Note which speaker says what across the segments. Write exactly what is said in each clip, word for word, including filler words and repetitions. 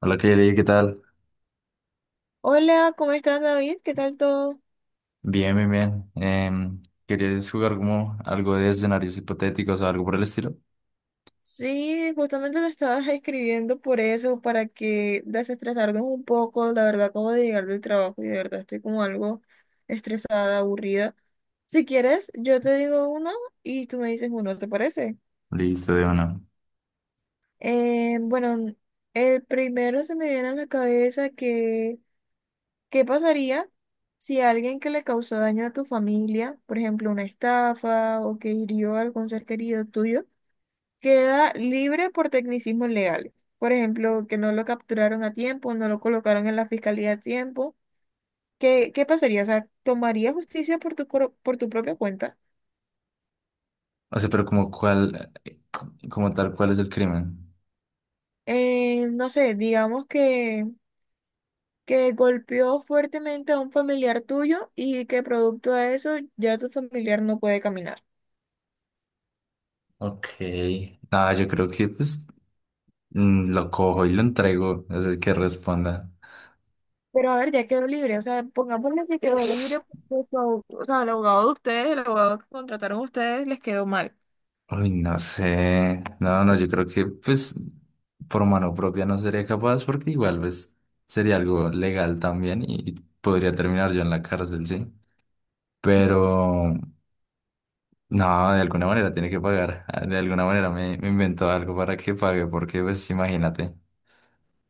Speaker 1: Hola, Kelly, ¿qué tal?
Speaker 2: Hola, ¿cómo estás, David? ¿Qué tal todo?
Speaker 1: Bien, bien, bien. Em, ¿querías jugar como algo de escenarios hipotéticos o algo por el estilo?
Speaker 2: Sí, justamente te estaba escribiendo por eso, para que desestresarnos un poco. La verdad, acabo de llegar del trabajo y de verdad estoy como algo estresada, aburrida. Si quieres, yo te digo uno y tú me dices uno, ¿te parece?
Speaker 1: Listo, de una.
Speaker 2: Eh, bueno, el primero se me viene a la cabeza que, ¿qué pasaría si alguien que le causó daño a tu familia, por ejemplo, una estafa o que hirió a algún ser querido tuyo, queda libre por tecnicismos legales? Por ejemplo, que no lo capturaron a tiempo, no lo colocaron en la fiscalía a tiempo. ¿Qué, qué pasaría? O sea, ¿tomaría justicia por tu, cor- por tu propia cuenta?
Speaker 1: O sea, pero como cuál, eh, co- como tal, ¿cuál es el crimen?
Speaker 2: Eh, no sé, digamos que, que golpeó fuertemente a un familiar tuyo y que producto de eso ya tu familiar no puede caminar.
Speaker 1: Ok. Nada, yo creo que pues mm, lo cojo y lo entrego. No sé qué responda.
Speaker 2: Pero a ver, ya quedó libre. O sea, pongámosle que quedó libre porque su abog- o sea, el abogado de ustedes, el abogado que contrataron ustedes, les quedó mal.
Speaker 1: Uy, no sé. No, no, yo creo que pues por mano propia no sería capaz porque igual pues sería algo legal también y podría terminar yo en la cárcel, sí. Pero no, de alguna manera tiene que pagar. Ah, de alguna manera me, me invento algo para que pague, porque pues imagínate.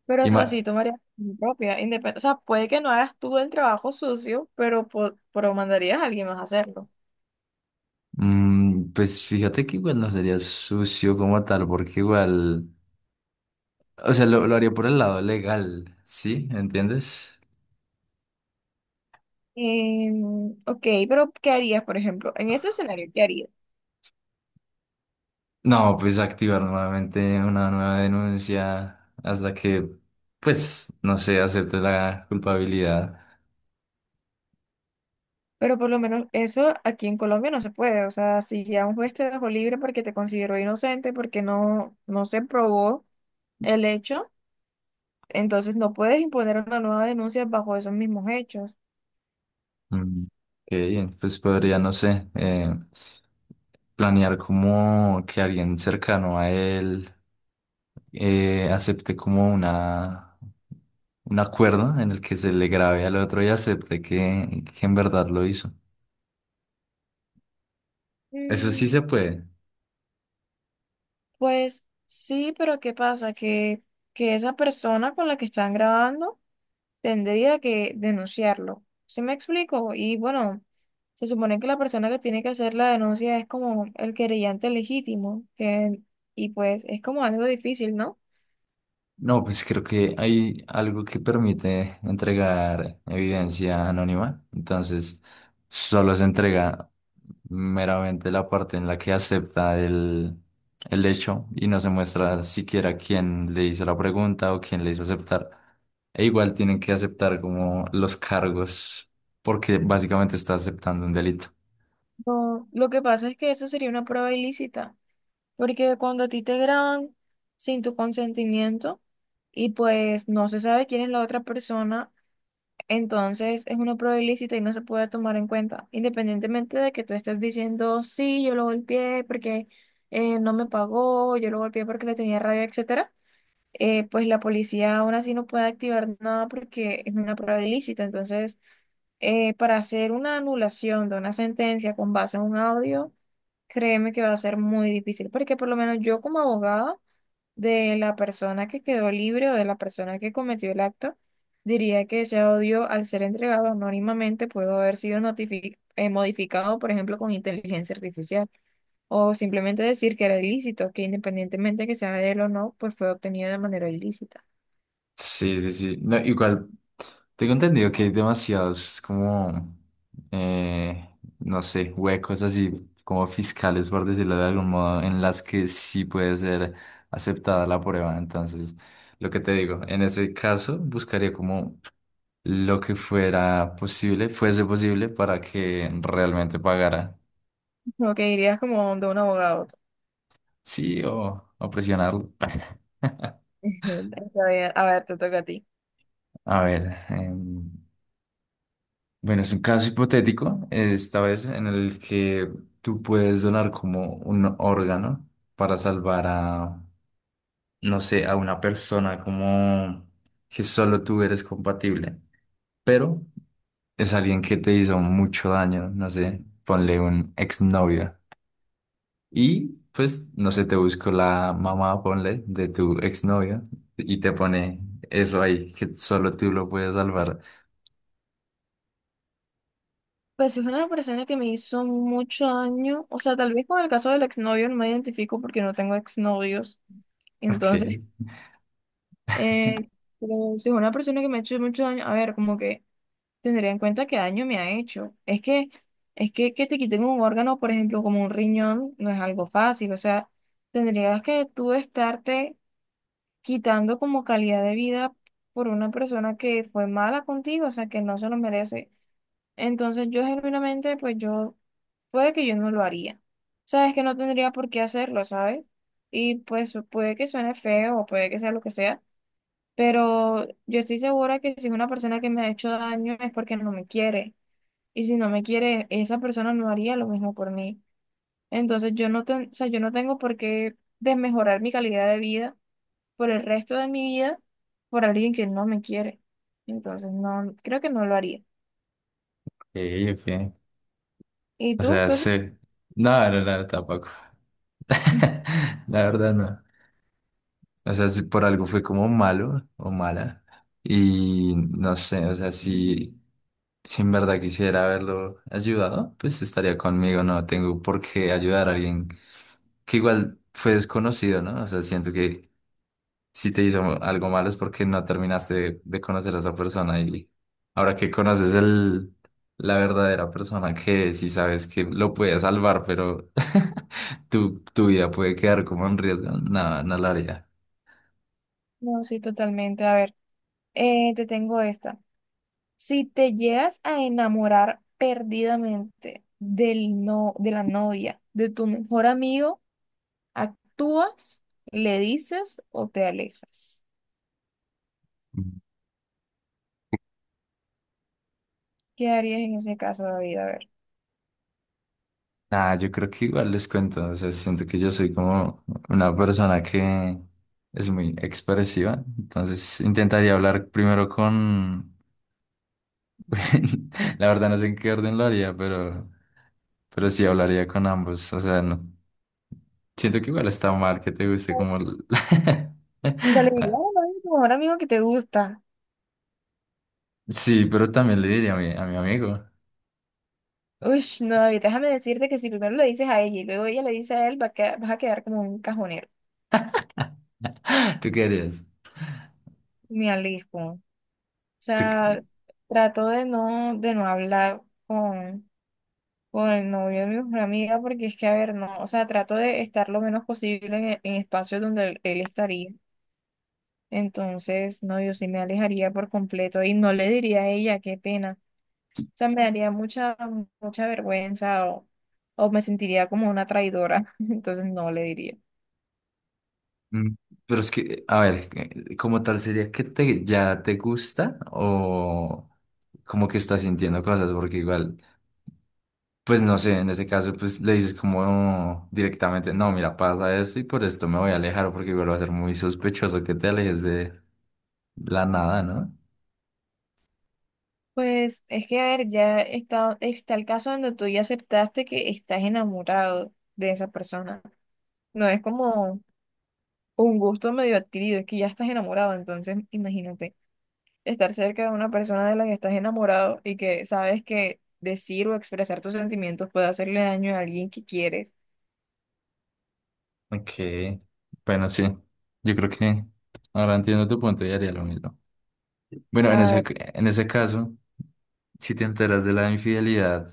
Speaker 2: Pero, o sea,
Speaker 1: Ima-
Speaker 2: si tú harías tu propia independencia, o sea, puede que no hagas tú el trabajo sucio, pero, po- pero mandarías a alguien más a hacerlo.
Speaker 1: Mm, pues fíjate que igual no sería sucio como tal, porque igual, o sea, lo, lo haría por el lado legal, ¿sí? ¿Entiendes?
Speaker 2: Em, ok, pero ¿qué harías, por ejemplo? En este escenario, ¿qué harías?
Speaker 1: No, pues activar nuevamente una nueva denuncia hasta que, pues, no sé, acepte la culpabilidad.
Speaker 2: Pero por lo menos eso aquí en Colombia no se puede. O sea, si ya un juez te dejó libre porque te consideró inocente, porque no, no se probó el hecho, entonces no puedes imponer una nueva denuncia bajo esos mismos hechos.
Speaker 1: Mm, ok, pues podría, no sé, eh, planear como que alguien cercano a él eh, acepte como una, un acuerdo en el que se le grabe al otro y acepte que, que en verdad lo hizo. Eso sí
Speaker 2: Mm,
Speaker 1: se puede.
Speaker 2: pues sí, pero ¿qué pasa? Que, que esa persona con la que están grabando tendría que denunciarlo. ¿Sí me explico? Y bueno, se supone que la persona que tiene que hacer la denuncia es como el querellante legítimo, que, y pues es como algo difícil, ¿no?
Speaker 1: No, pues creo que hay algo que permite entregar evidencia anónima. Entonces, solo se entrega meramente la parte en la que acepta el, el hecho y no se muestra siquiera quién le hizo la pregunta o quién le hizo aceptar. E igual tienen que aceptar como los cargos porque básicamente está aceptando un delito.
Speaker 2: No, lo que pasa es que eso sería una prueba ilícita, porque cuando a ti te graban sin tu consentimiento y pues no se sabe quién es la otra persona, entonces es una prueba ilícita y no se puede tomar en cuenta, independientemente de que tú estés diciendo, sí, yo lo golpeé porque eh, no me pagó, yo lo golpeé porque le tenía rabia, etcétera. Eh, pues la policía aún así no puede activar nada porque es una prueba ilícita. Entonces, eh, para hacer una anulación de una sentencia con base en un audio, créeme que va a ser muy difícil, porque por lo menos yo como abogada de la persona que quedó libre o de la persona que cometió el acto, diría que ese audio, al ser entregado anónimamente, pudo haber sido notifi- eh, modificado, por ejemplo, con inteligencia artificial, o simplemente decir que era ilícito, que independientemente que sea de él o no, pues fue obtenido de manera ilícita.
Speaker 1: Sí, sí, sí. No, igual, tengo entendido que hay demasiados como, eh, no sé, huecos así como fiscales, por decirlo de algún modo, en las que sí puede ser aceptada la prueba. Entonces, lo que te digo, en ese caso buscaría como lo que fuera posible, fuese posible para que realmente pagara.
Speaker 2: Lo que dirías como de un abogado.
Speaker 1: Sí, o, o presionarlo.
Speaker 2: Está bien. A ver, te toca a ti.
Speaker 1: A ver. em, Bueno, es un caso hipotético, esta vez en el que tú puedes donar como un órgano para salvar a, no sé, a una persona como que solo tú eres compatible, pero es alguien que te hizo mucho daño, no sé, ponle un exnovio. Y pues, no sé, te busco la mamá, ponle, de tu exnovio y te pone eso ahí, que solo tú lo puedes salvar.
Speaker 2: Pues es una persona que me hizo mucho daño, o sea, tal vez con el caso del exnovio no me identifico porque no tengo exnovios,
Speaker 1: Ok,
Speaker 2: entonces Eh, pero si es una persona que me ha hecho mucho daño, a ver, como que tendría en cuenta qué daño me ha hecho. Es que, es que que te quiten un órgano, por ejemplo, como un riñón, no es algo fácil. O sea, tendrías que tú estarte quitando como calidad de vida por una persona que fue mala contigo, o sea, que no se lo merece. Entonces yo genuinamente, pues yo, puede que yo no lo haría. Sabes que no tendría por qué hacerlo, ¿sabes? Y pues puede que suene feo o puede que sea lo que sea, pero yo estoy segura que si es una persona que me ha hecho daño es porque no me quiere. Y si no me quiere, esa persona no haría lo mismo por mí. Entonces yo no, ten- o sea, yo no tengo por qué desmejorar mi calidad de vida por el resto de mi vida por alguien que no me quiere. Entonces no, creo que no lo haría.
Speaker 1: ok, ok.
Speaker 2: ¿Y
Speaker 1: O
Speaker 2: tú?
Speaker 1: sea,
Speaker 2: ¿Tú sí?
Speaker 1: sí. No, no, no, tampoco. La verdad no. O sea, si por algo fue como malo o mala. Y no sé, o sea, si, si en verdad quisiera haberlo ayudado, pues estaría conmigo. No tengo por qué ayudar a alguien que igual fue desconocido, ¿no? O sea, siento que si te hizo algo malo es porque no terminaste de, de conocer a esa persona y ahora que conoces el, la verdadera persona que si sabes que lo puede salvar, pero tu, tu vida puede quedar como en riesgo, nada, no lo haría.
Speaker 2: No, sí, totalmente. A ver, eh, te tengo esta. Si te llegas a enamorar perdidamente del no, de la novia, de tu mejor amigo, ¿actúas, le dices o te alejas? ¿Qué harías en ese caso, David? A ver.
Speaker 1: Nada, yo creo que igual les cuento, o sea, siento que yo soy como una persona que es muy expresiva, entonces intentaría hablar primero con, la verdad no sé en qué orden lo haría, pero, pero sí hablaría con ambos, o sea, no. Siento que igual está mal que te guste como... el-
Speaker 2: Se le diría a tu mejor amigo que te gusta.
Speaker 1: Sí, pero también le diría a mi, a mi amigo.
Speaker 2: Uy, no, David, déjame decirte que si primero le dices a ella y luego ella le dice a él, va a queda- vas a quedar como un cajonero.
Speaker 1: ¿Tú qué harías?
Speaker 2: Me alejo. O
Speaker 1: ¿Tú qué-?
Speaker 2: sea, trato de no, de no hablar con, con el novio de mi mejor amiga porque es que, a ver, no, o sea, trato de estar lo menos posible en, en espacios donde él, él estaría. Entonces, no, yo sí me alejaría por completo y no le diría a ella, qué pena. O sea, me daría mucha, mucha vergüenza o, o me sentiría como una traidora. Entonces, no le diría.
Speaker 1: Mm, pero es que, a ver, eh, como tal sería que te, ya te gusta o como que estás sintiendo cosas, porque igual, pues no sé, en ese caso, pues le dices como directamente, no, mira, pasa esto y por esto me voy a alejar, porque igual va a ser muy sospechoso que te alejes de la nada, ¿no?
Speaker 2: Pues es que, a ver, ya está, está el caso donde tú ya aceptaste que estás enamorado de esa persona. No es como un gusto medio adquirido, es que ya estás enamorado, entonces imagínate estar cerca de una persona de la que estás enamorado y que sabes que decir o expresar tus sentimientos puede hacerle daño a alguien que quieres.
Speaker 1: Ok, bueno, sí, yo creo que ahora entiendo tu punto y haría lo mismo. Bueno, en
Speaker 2: A
Speaker 1: ese,
Speaker 2: ver,
Speaker 1: en ese caso, si te enteras de la infidelidad,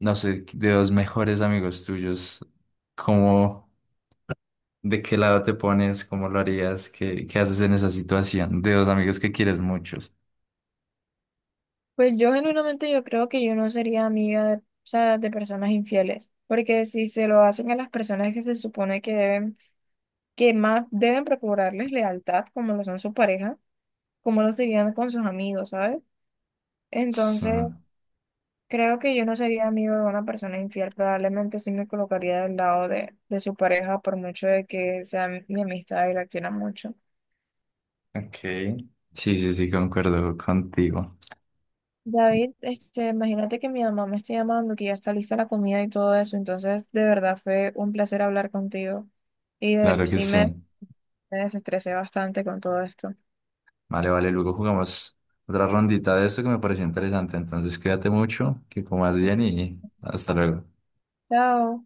Speaker 1: no sé, de dos mejores amigos tuyos, ¿cómo, de qué lado te pones, cómo lo harías, qué, qué haces en esa situación? De dos amigos que quieres muchos.
Speaker 2: pues yo genuinamente yo creo que yo no sería amiga de, o sea, de personas infieles, porque si se lo hacen a las personas que se supone que deben, que más deben procurarles lealtad, como lo son su pareja, como lo serían con sus amigos, ¿sabes?
Speaker 1: Sí,
Speaker 2: Entonces, creo que yo no sería amigo de una persona infiel, probablemente sí me colocaría del lado de, de su pareja, por mucho de que sea mi amistad y la quiera mucho.
Speaker 1: ok. Sí, sí, sí, concuerdo contigo.
Speaker 2: David, este, imagínate que mi mamá me está llamando, que ya está lista la comida y todo eso, entonces de verdad fue un placer hablar contigo y de-
Speaker 1: Claro que
Speaker 2: sí me
Speaker 1: sí.
Speaker 2: me desestresé bastante con todo esto.
Speaker 1: Vale, vale, luego jugamos otra rondita de esto que me pareció interesante. Entonces, cuídate mucho, que comas bien y hasta luego.
Speaker 2: Chao.